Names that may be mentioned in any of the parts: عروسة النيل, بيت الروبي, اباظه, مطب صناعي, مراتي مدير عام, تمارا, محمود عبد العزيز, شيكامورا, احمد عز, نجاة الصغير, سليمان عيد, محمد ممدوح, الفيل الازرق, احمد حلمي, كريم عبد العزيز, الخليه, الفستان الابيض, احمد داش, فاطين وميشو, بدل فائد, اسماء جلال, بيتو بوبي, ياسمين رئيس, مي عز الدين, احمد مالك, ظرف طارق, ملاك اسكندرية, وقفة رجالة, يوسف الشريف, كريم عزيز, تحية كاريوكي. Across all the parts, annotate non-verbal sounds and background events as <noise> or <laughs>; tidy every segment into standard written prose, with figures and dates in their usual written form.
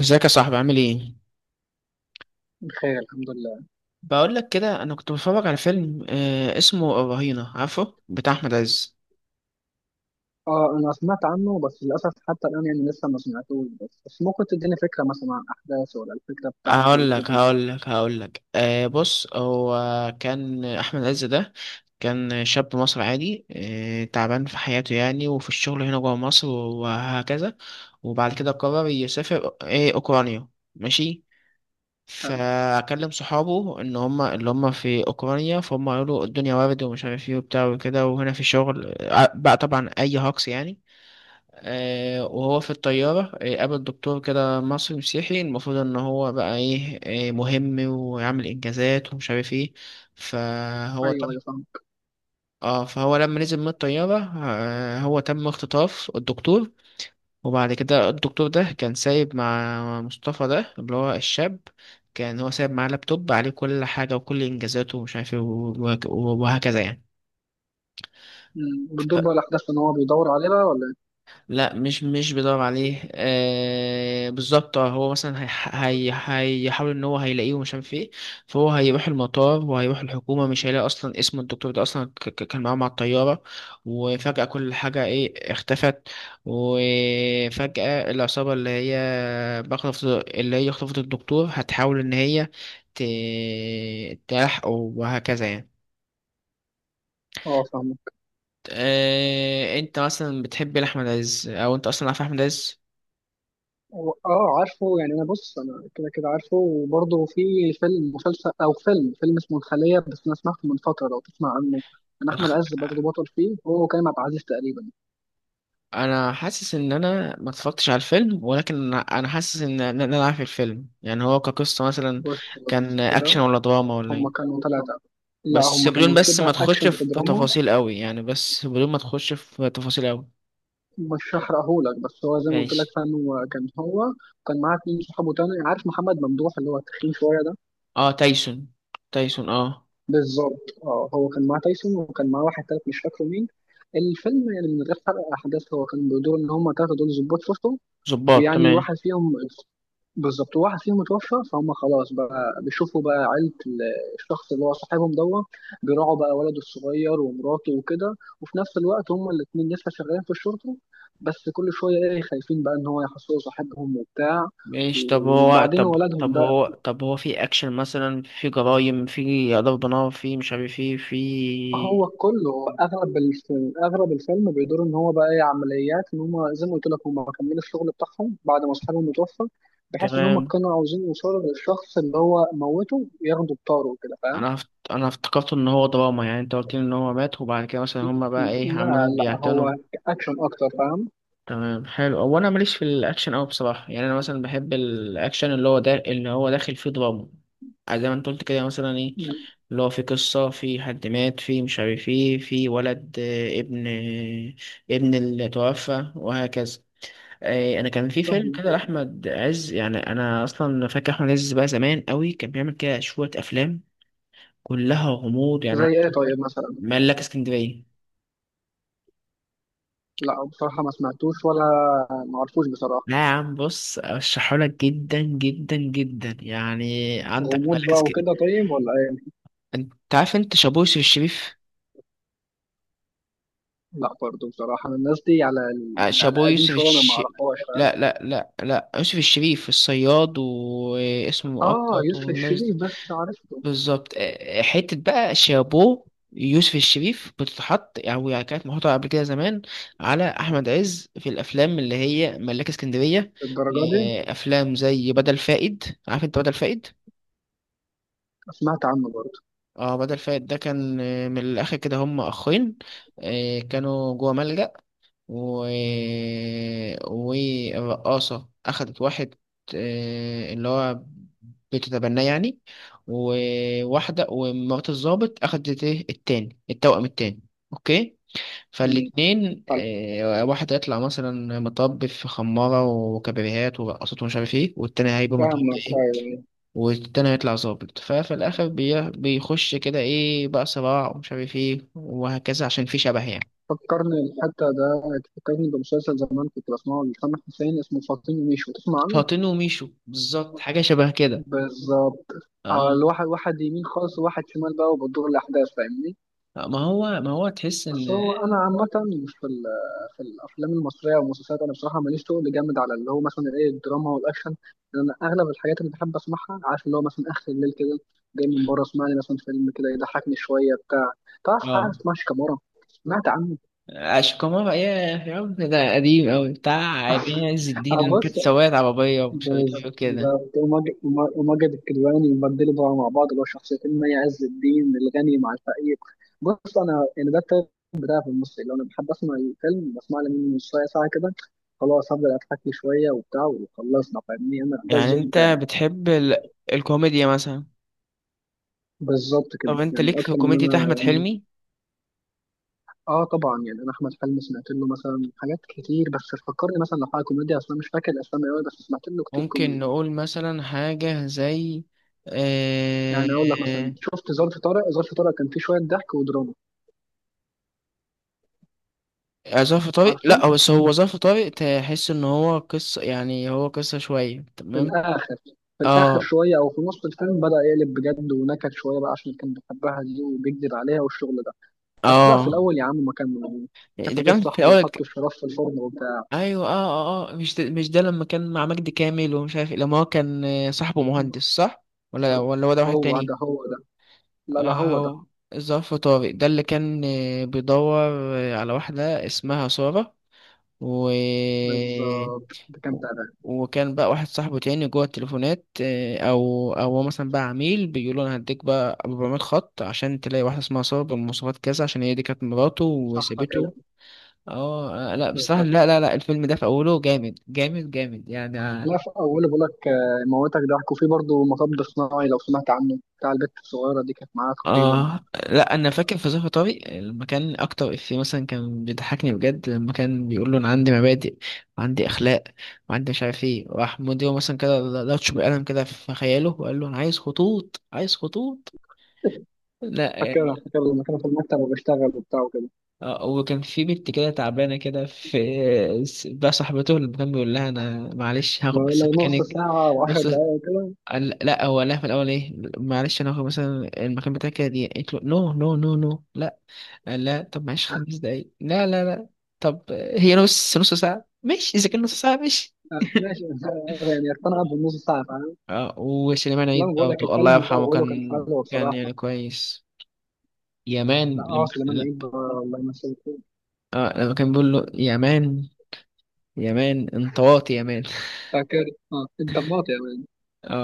ازيك يا صاحبي عامل ايه؟ بخير، الحمد لله. بقول لك كده انا كنت بتفرج على فيلم اسمه الرهينة عارفه بتاع احمد عز. اه، انا سمعت عنه بس للاسف حتى الان يعني لسه ما سمعتوش بس ممكن تديني فكره مثلا عن احداثه ولا الفكره بتاعته هقول لك وكده. هقول لك هقول لك بص، هو كان احمد عز ده كان شاب مصري عادي تعبان في حياته، يعني وفي الشغل هنا جوه مصر وهكذا. وبعد كده قرر يسافر ايه اوكرانيا. ماشي. آه. فاكلم صحابه ان هم اللي هم في اوكرانيا، فهم قالوا الدنيا وارد ومش عارف ايه وبتاع وكده، وهنا في شغل بقى طبعا اي هاكس يعني. وهو في الطيارة قابل دكتور كده مصري مسيحي، المفروض ان هو بقى ايه، مهم ويعمل انجازات ومش عارف ايه. فهو ايوه، تم. ايوه، فاهمك. اه فهو لما نزل من الطيارة هو تم اختطاف الدكتور. وبعد كده الدكتور ده كان سايب مع مصطفى ده اللي هو الشاب، كان هو سايب معاه لابتوب عليه كل حاجة وكل إنجازاته ومش عارف إيه وهكذا يعني. بتدور بقى الاحداث ان هو بيدور عليها ولا إيه؟ لا مش بيدور عليه، بالظبط. هو مثلا هي هي هيحاول ان هو هيلاقيه ومش عارف ايه، فهو هيروح المطار وهيروح الحكومه، مش هيلاقي اصلا اسم الدكتور ده اصلا. كان معاه مع الطياره وفجاه كل حاجه ايه اختفت. وفجاه العصابه اللي هي بخطف اللي هي خطفت الدكتور هتحاول ان هي تلحقه وهكذا يعني. اه، فاهمك. انت مثلا بتحب احمد عز او انت اصلا عارف احمد عز؟ اه، عارفه يعني. انا بص، انا كده كده عارفه، وبرضه في فيلم مسلسل او فيلم اسمه الخليه، بس انا سمعته من فتره، لو تسمع عنه. كان احمد عز برضه بطل فيه هو وكريم عبد العزيز تقريبا. انا حاسس ان انا ما اتفرجتش على الفيلم، ولكن انا حاسس ان انا عارف الفيلم يعني هو كقصة مثلا. بص بص كان كده. اكشن ولا دراما ولا ايه؟ هما كانوا ثلاثه. لا، بس هما بدون كانوا بس شبه ما تخش اكشن في في دراما. تفاصيل قوي يعني، بس بدون ما تخش في تفاصيل قوي. مش هحرقهولك، بس هو زي ما قلت لك ماشي. فعلا هو كان معاه اتنين صحابه تاني، عارف محمد ممدوح اللي هو التخين شويه ده. اه تايسون. تايسون، اه. بالظبط، اه، هو كان معاه تايسون، وكان معاه واحد تالت مش فاكره مين. الفيلم يعني من غير حرق احداث، هو كان بيدور ان هم تلاته دول ظباط شرطه، ظباط، ويعني تمام. واحد فيهم، بالظبط واحد فيهم متوفى، فهم خلاص بقى بيشوفوا بقى عيلة الشخص اللي هو صاحبهم دوت. بيراعوا بقى ولده الصغير ومراته وكده، وفي نفس الوقت هم الاتنين لسه شغالين في الشرطة، بس كل شوية ايه خايفين بقى ان هو يحصلوا صاحبهم وبتاع. ماشي، طب هو وبعدين طب ولدهم طب ده، هو طب هو في اكشن مثلا، في جرايم، في ضرب نار، في مش عارف ايه، في؟ هو كله، هو اغلب الفيلم بيدور ان هو بقى ايه عمليات، ان هم زي ما قلت لك هم كملوا الشغل بتاعهم بعد ما اصحابهم متوفى، بحيث ان هم تمام. كانوا عاوزين يوصلوا للشخص اللي هو موته ياخدوا بطاره كده، فاهم؟ انا افتكرت ان هو دراما، يعني انت قلت لي ان هو مات وبعد كده مثلا هما بقى ايه لا، عمالين لا، بيعتنوا. هو اكشن اكتر، فاهم. تمام، حلو. هو انا ماليش في الاكشن قوي بصراحه، يعني انا مثلا بحب الاكشن اللي هو داخل فيه دراما. يعني زي ما انت قلت كده مثلا ايه، اللي هو في قصه، في حد مات، في مش عارف ايه، في ولد، ابن اللي توفى وهكذا. انا كان في فيلم كده فاهم، لاحمد عز، يعني انا اصلا فاكر احمد عز بقى زمان قوي كان بيعمل كده شويه افلام كلها غموض يعني. زي ايه طيب مثلا؟ ملاك اسكندرية. لا، بصراحة ما سمعتوش ولا ما عرفوش بصراحة. لا يا عم، بص، ارشحهولك جدا جدا جدا يعني. عندك غموض ملاك بقى وكده اسكندرية. طيب ولا ايه؟ انت عارف انت شابو يوسف الشريف؟ لا، برضه بصراحة أنا الناس دي على على شابو قديم يوسف شوية، انا ما الش. اعرفهاش، فاهم. لا لا لا لا، يوسف الشريف الصياد واسمه اه، مؤقت يوسف والناس دي. الشريف بس عارف بالظبط. حتة بقى شابو يوسف الشريف بتتحط او يعني كانت محطوطة قبل كده زمان على احمد عز في الافلام، اللي هي ملاك اسكندرية. الدرجة دي. افلام زي بدل فائد، عارف انت بدل فائد؟ سمعت عنه برضه. اه بدل فايت ده كان من الاخر كده هم اخين كانوا جوه ملجأ و... والرقاصة اخدت واحد اللي هو بتتبناه يعني، وواحدة ومرات الضابط اخدت ايه التاني التوأم التاني. اوكي. مم. فالاتنين حلو. واحد هيطلع مثلا مطب في خمارة وكبريهات ورقصات ومش عارف ايه، والتاني هيبقى مطب فاهمك، إيه؟ أيوة. والتاني هيطلع ظابط، ففي الآخر بيخش كده إيه بقى، صراع ومش عارف إيه وهكذا عشان في شبه يعني. فكرني الحتة ده، فكرني بمسلسل زمان كنت بسمعه لسامح حسين، اسمه فاطين وميشو، تسمع عنه؟ فاطين وميشو، بالظبط، حاجة شبه كده. بالظبط. آه، اه الواحد واحد يمين خالص وواحد شمال بقى وبتدور الأحداث، فاهمني؟ ما هو تحس بس إن. هو انا عامه في ال- في الافلام المصريه والمسلسلات، انا بصراحه ماليش تقل جامد على اللي هو مثلا ايه الدراما والاكشن، لان انا اغلب الحاجات اللي بحب اسمعها، عارف، اللي هو مثلا اخر الليل كده جاي من بره، اسمع لي مثلا فيلم كده يضحكني شويه بتاع تعرف حاجه اه اسمها شيكامورا؟ سمعت عنه. أشكومارا، يا يا رب، ده قديم أوي، بتاع عين عز الدين أنا اللي كانت بص. سواقة عربية ومش عارف إيه وكده. بالظبط، وماجد وماجد الكدواني يبدلوا بقى مع بعض، اللي هو شخصيتين مي عز الدين، الغني مع الفقير. بص، انا يعني ده التايب بتاعي في المصري، لو انا بحب اسمع الفيلم بسمع لي منه نص ساعه ساعه كده، خلاص، هفضل اضحك لي شويه وبتاع وخلصنا، فاهمني؟ انا ده يعني الذوق أنت بتاعي. بتحب الكوميديا مثلا؟ بالظبط كده طب أنت يعني، ليك في اكتر من كوميديا انا أحمد يعني. حلمي؟ اه، طبعا، يعني انا احمد حلمي سمعت له مثلا حاجات كتير، بس فكرني مثلا لو حاجه كوميديا، اصلا مش فاكر الاسامي قوي، بس سمعت له كتير ممكن كوميدي. نقول مثلا حاجة زي يعني آه... اقول لك مثلا شفت ظرف طارق؟ ظرف طارق كان فيه شويه ضحك ودراما. ظرف طارق؟ عارفه. لا، هو بس هو ظرف طارق تحس ان هو قصة، يعني هو قصة شوية. في تمام. الاخر في الاخر اه شويه، او في نص الفيلم، بدا يقلب بجد ونكد شويه بقى، عشان كان بيحبها دي وبيكذب عليها والشغل ده. بس لا، في اه الاول يا عم ما كان. كان في ده بيت كان في صاحبه اول وحط ك-. الشراب في الفرن وبتاع. ايوه. اه اه مش ده لما كان مع مجدي كامل ومش عارف إيه، لما هو كان صاحبه مهندس، صح؟ ولا بالظبط. ولا هو ده واحد هو تاني؟ ده، هو ده. لا، لا، اه هو ده هو ظرف طارق ده اللي كان بيدور على واحدة اسمها سارة، و بالظبط. ده كان تعبان. وكان بقى واحد صاحبه تاني جوه التليفونات او هو مثلا بقى عميل بيقول له انا هديك بقى 400 خط عشان تلاقي واحده اسمها ساره بالمواصفات كذا، عشان هي دي كانت مراته صح كده. وسابته. لا بصراحه، بالظبط. لا لا لا، الفيلم ده في اوله جامد جامد جامد يعني. لا في اوله، بقول لك، موتك ضحك، وفي برضه مطب صناعي لو سمعت عنه، بتاع البت الصغيره دي كانت معاه تقريبا. اه لا، انا فاكر في ظرف طارق لما كان اكتر افيه مثلا كان بيضحكني بجد لما كان بيقول له انا عندي مبادئ وعندي اخلاق وعندي مش عارف ايه، راح مديره مثلا كده لطش بالقلم كده في خياله وقال له انا عايز خطوط عايز خطوط. لا. فاكرها. فاكر لما كانوا في المكتب وبيشتغل وبتاع وكده. وكان في بنت كده تعبانة كده في، بقى صاحبته اللي كان بيقول لها أنا معلش هاخد بس لو نص مكانك. ساعه و10 نص. دقائق كده. لا، هو قال لها في الأول إيه، معلش أنا هاخد مثلا المكان بتاعك كده، دي قالت له نو نو نو نو لا. قال لا طب معلش 5 دقايق، لا لا لا، طب هي نص نص ساعة ماشي، إذا كان نص ساعة ماشي. آه، ماشي <laughs> يعني اقتنع بالنص صعب أنا. اه وسليمان عيد لما بقول لك برضه الله الفيلم في يرحمه اوله كان كان حلو كان بصراحه. يعني كويس. يا لا، مان. اه، سليمان لما عيد، الله يمسيه. اه لما كان بيقول له يا مان، يا مان انت واطي يا مان. فاكر. اه، انت بناطق يعني.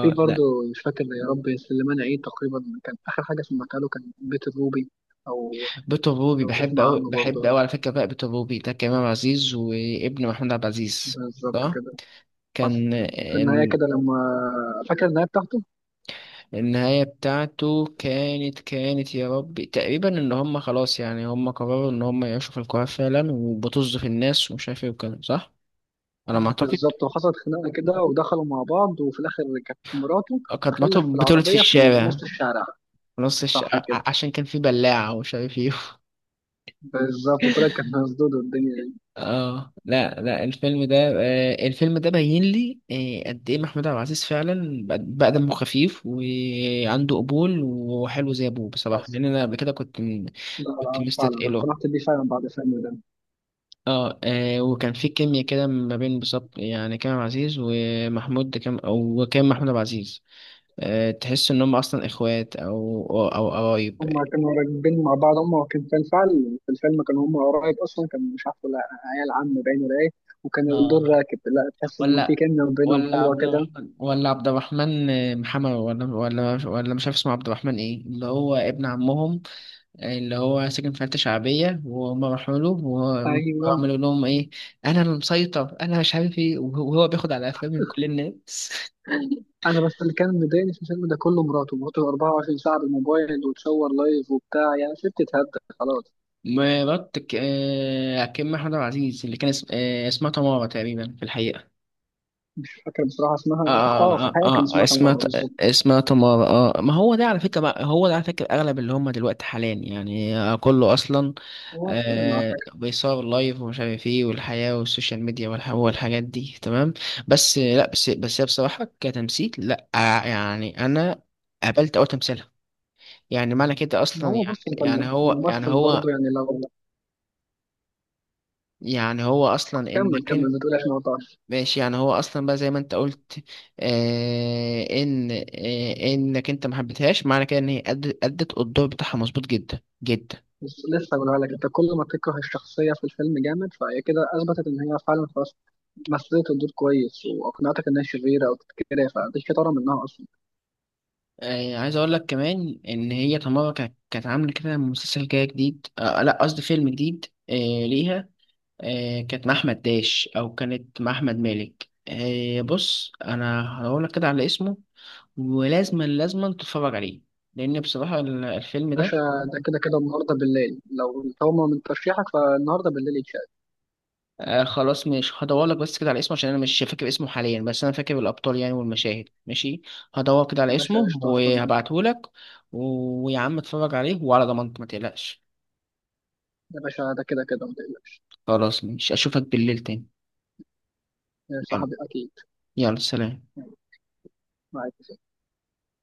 في برضه. لا، مش فاكر يا ربي، سليمان عيد تقريبا كان اخر حاجه سمعتها له كان بيت الروبي، او بيتو بوبي لو بحب تسمع أوي عنه بحب برضه. أوي على فكرة، بقى بيتو بوبي ده كريم عزيز وابن محمود عبد العزيز، بالظبط صح. كده. حصل. كان في النهايه ال... كده لما. فاكر النهايه بتاعته. النهاية بتاعته كانت يا ربي تقريبا ان هم خلاص يعني هم قرروا ان هم يعيشوا في القاهرة فعلا وبطز في الناس ومش عارف ايه وكده، صح على ما اعتقد. بالظبط، وحصلت خناقه كده، ودخلوا مع بعض، وفي الاخر كانت مراته كانت بتخلف في مراته بتولد في العربيه في الشارع، نص الشارع. في نص صح كده. عشان كان في بلاعة ومش عارف ايه. بالظبط، وطلعت كانت مسدود والدنيا يعني. اه لا لا، الفيلم ده الفيلم ده بين لي قد ايه محمود عبد العزيز فعلا بقى دمه خفيف وعنده قبول وحلو زي ابوه بصراحه، حصل. لان انا قبل كده لا، كنت لا، فعلا مستثقله. اقتنعت بيه فعلا بعد فيلم ده. وكان في كيمياء كده ما بين بالظبط يعني كريم عبد العزيز ومحمود كام، او وكان محمود عبد العزيز تحس ان هم اصلا اخوات او او أو قرايب. هما كانوا راكبين مع بعض، هما كان في الفعل في الفيلم كانوا هما قرايب اصلا، كان مش عارف ولا عيال عم باين ولا ايه، وكان الدور اه راكب. لا، تحس انه في ولا كيمياء بينهم ولا حلوه عبد كده. الرحمن، ولا عبد الرحمن محمد، ولا مش عارف اسمه عبد الرحمن ايه، اللي هو ابن عمهم اللي هو ساكن في حتة شعبية وهم راحوا له وهو- ايوه. وعملوا لهم ايه، انا المسيطر انا مش عارف ايه، وهو بياخد على قفاه من كل الناس <laughs> انا بس اللي كان مضايقني في الفيلم ده كله، مراته 24 ساعه بالموبايل وتصور لايف وبتاع، يعني شفت تتهد. خلاص. مرات ك- آه، كريم محمود عبد العزيز اللي كان اسمها تمارا تقريبا في الحقيقة. مش فاكر بصراحه اسمها. اه، في الحقيقه كان اسمها اسمها، تمارا بالظبط. اسمها تمارا. ما هو ده على فكرة بقى هو ده على فكرة، أغلب اللي هم دلوقتي حاليا يعني كله أصلا هو انا فاكر. بيصور لايف ومش عارف ايه، والحياة والسوشيال ميديا والحاجات دي، تمام. بس لا، بس هي بصراحة كتمثيل لا يعني أنا قابلت أول تمثيلها، يعني معنى كده ما أصلا، هو، يعني بص انت، يعني هو يعني الممثل برضه هو يعني لو. يعني هو أصلا كمل إنك. كمل، ما تقولهاش، ما قطعش. ماشي. يعني هو اصلا بقى زي ما انت قلت آه ان آه انك انت ما حبيتهاش، معنى كده ان هي ادت الدور بتاعها مظبوط جدا جدا. بس لسه بقولها لك، انت كل ما تكره الشخصيه في الفيلم جامد فهي كده اثبتت ان هي فعلا، خلاص، مثلت الدور كويس واقنعتك انها شريره او كده، فدي شطاره منها اصلا. عايز اقول لك كمان ان هي تمارا كانت عامله كده مسلسل كده جديد، لا قصدي فيلم جديد ليها. كانت مع احمد داش او كانت مع احمد مالك. بص انا هقول لك كده على اسمه، ولازما لازما تتفرج عليه لان بصراحه الفيلم باشا، ده ده كده كده النهارده بالليل، لو طالما من ترشيحك فالنهارده بالليل يتشاف. خلاص ماشي، هدور لك بس كده على اسمه عشان انا مش فاكر اسمه حاليا، بس انا فاكر الابطال يعني والمشاهد ماشي. هدور كده يا على باشا اسمه قشطه، هستناك. وهبعته لك. ويا عم اتفرج عليه وعلى ضمانتك ما تقلقش. يا باشا، ده كده كده ما تقلقش. خلاص ماشي، اشوفك بالليل تاني. يا يلا، صاحبي اكيد. يلا سلام. معاك.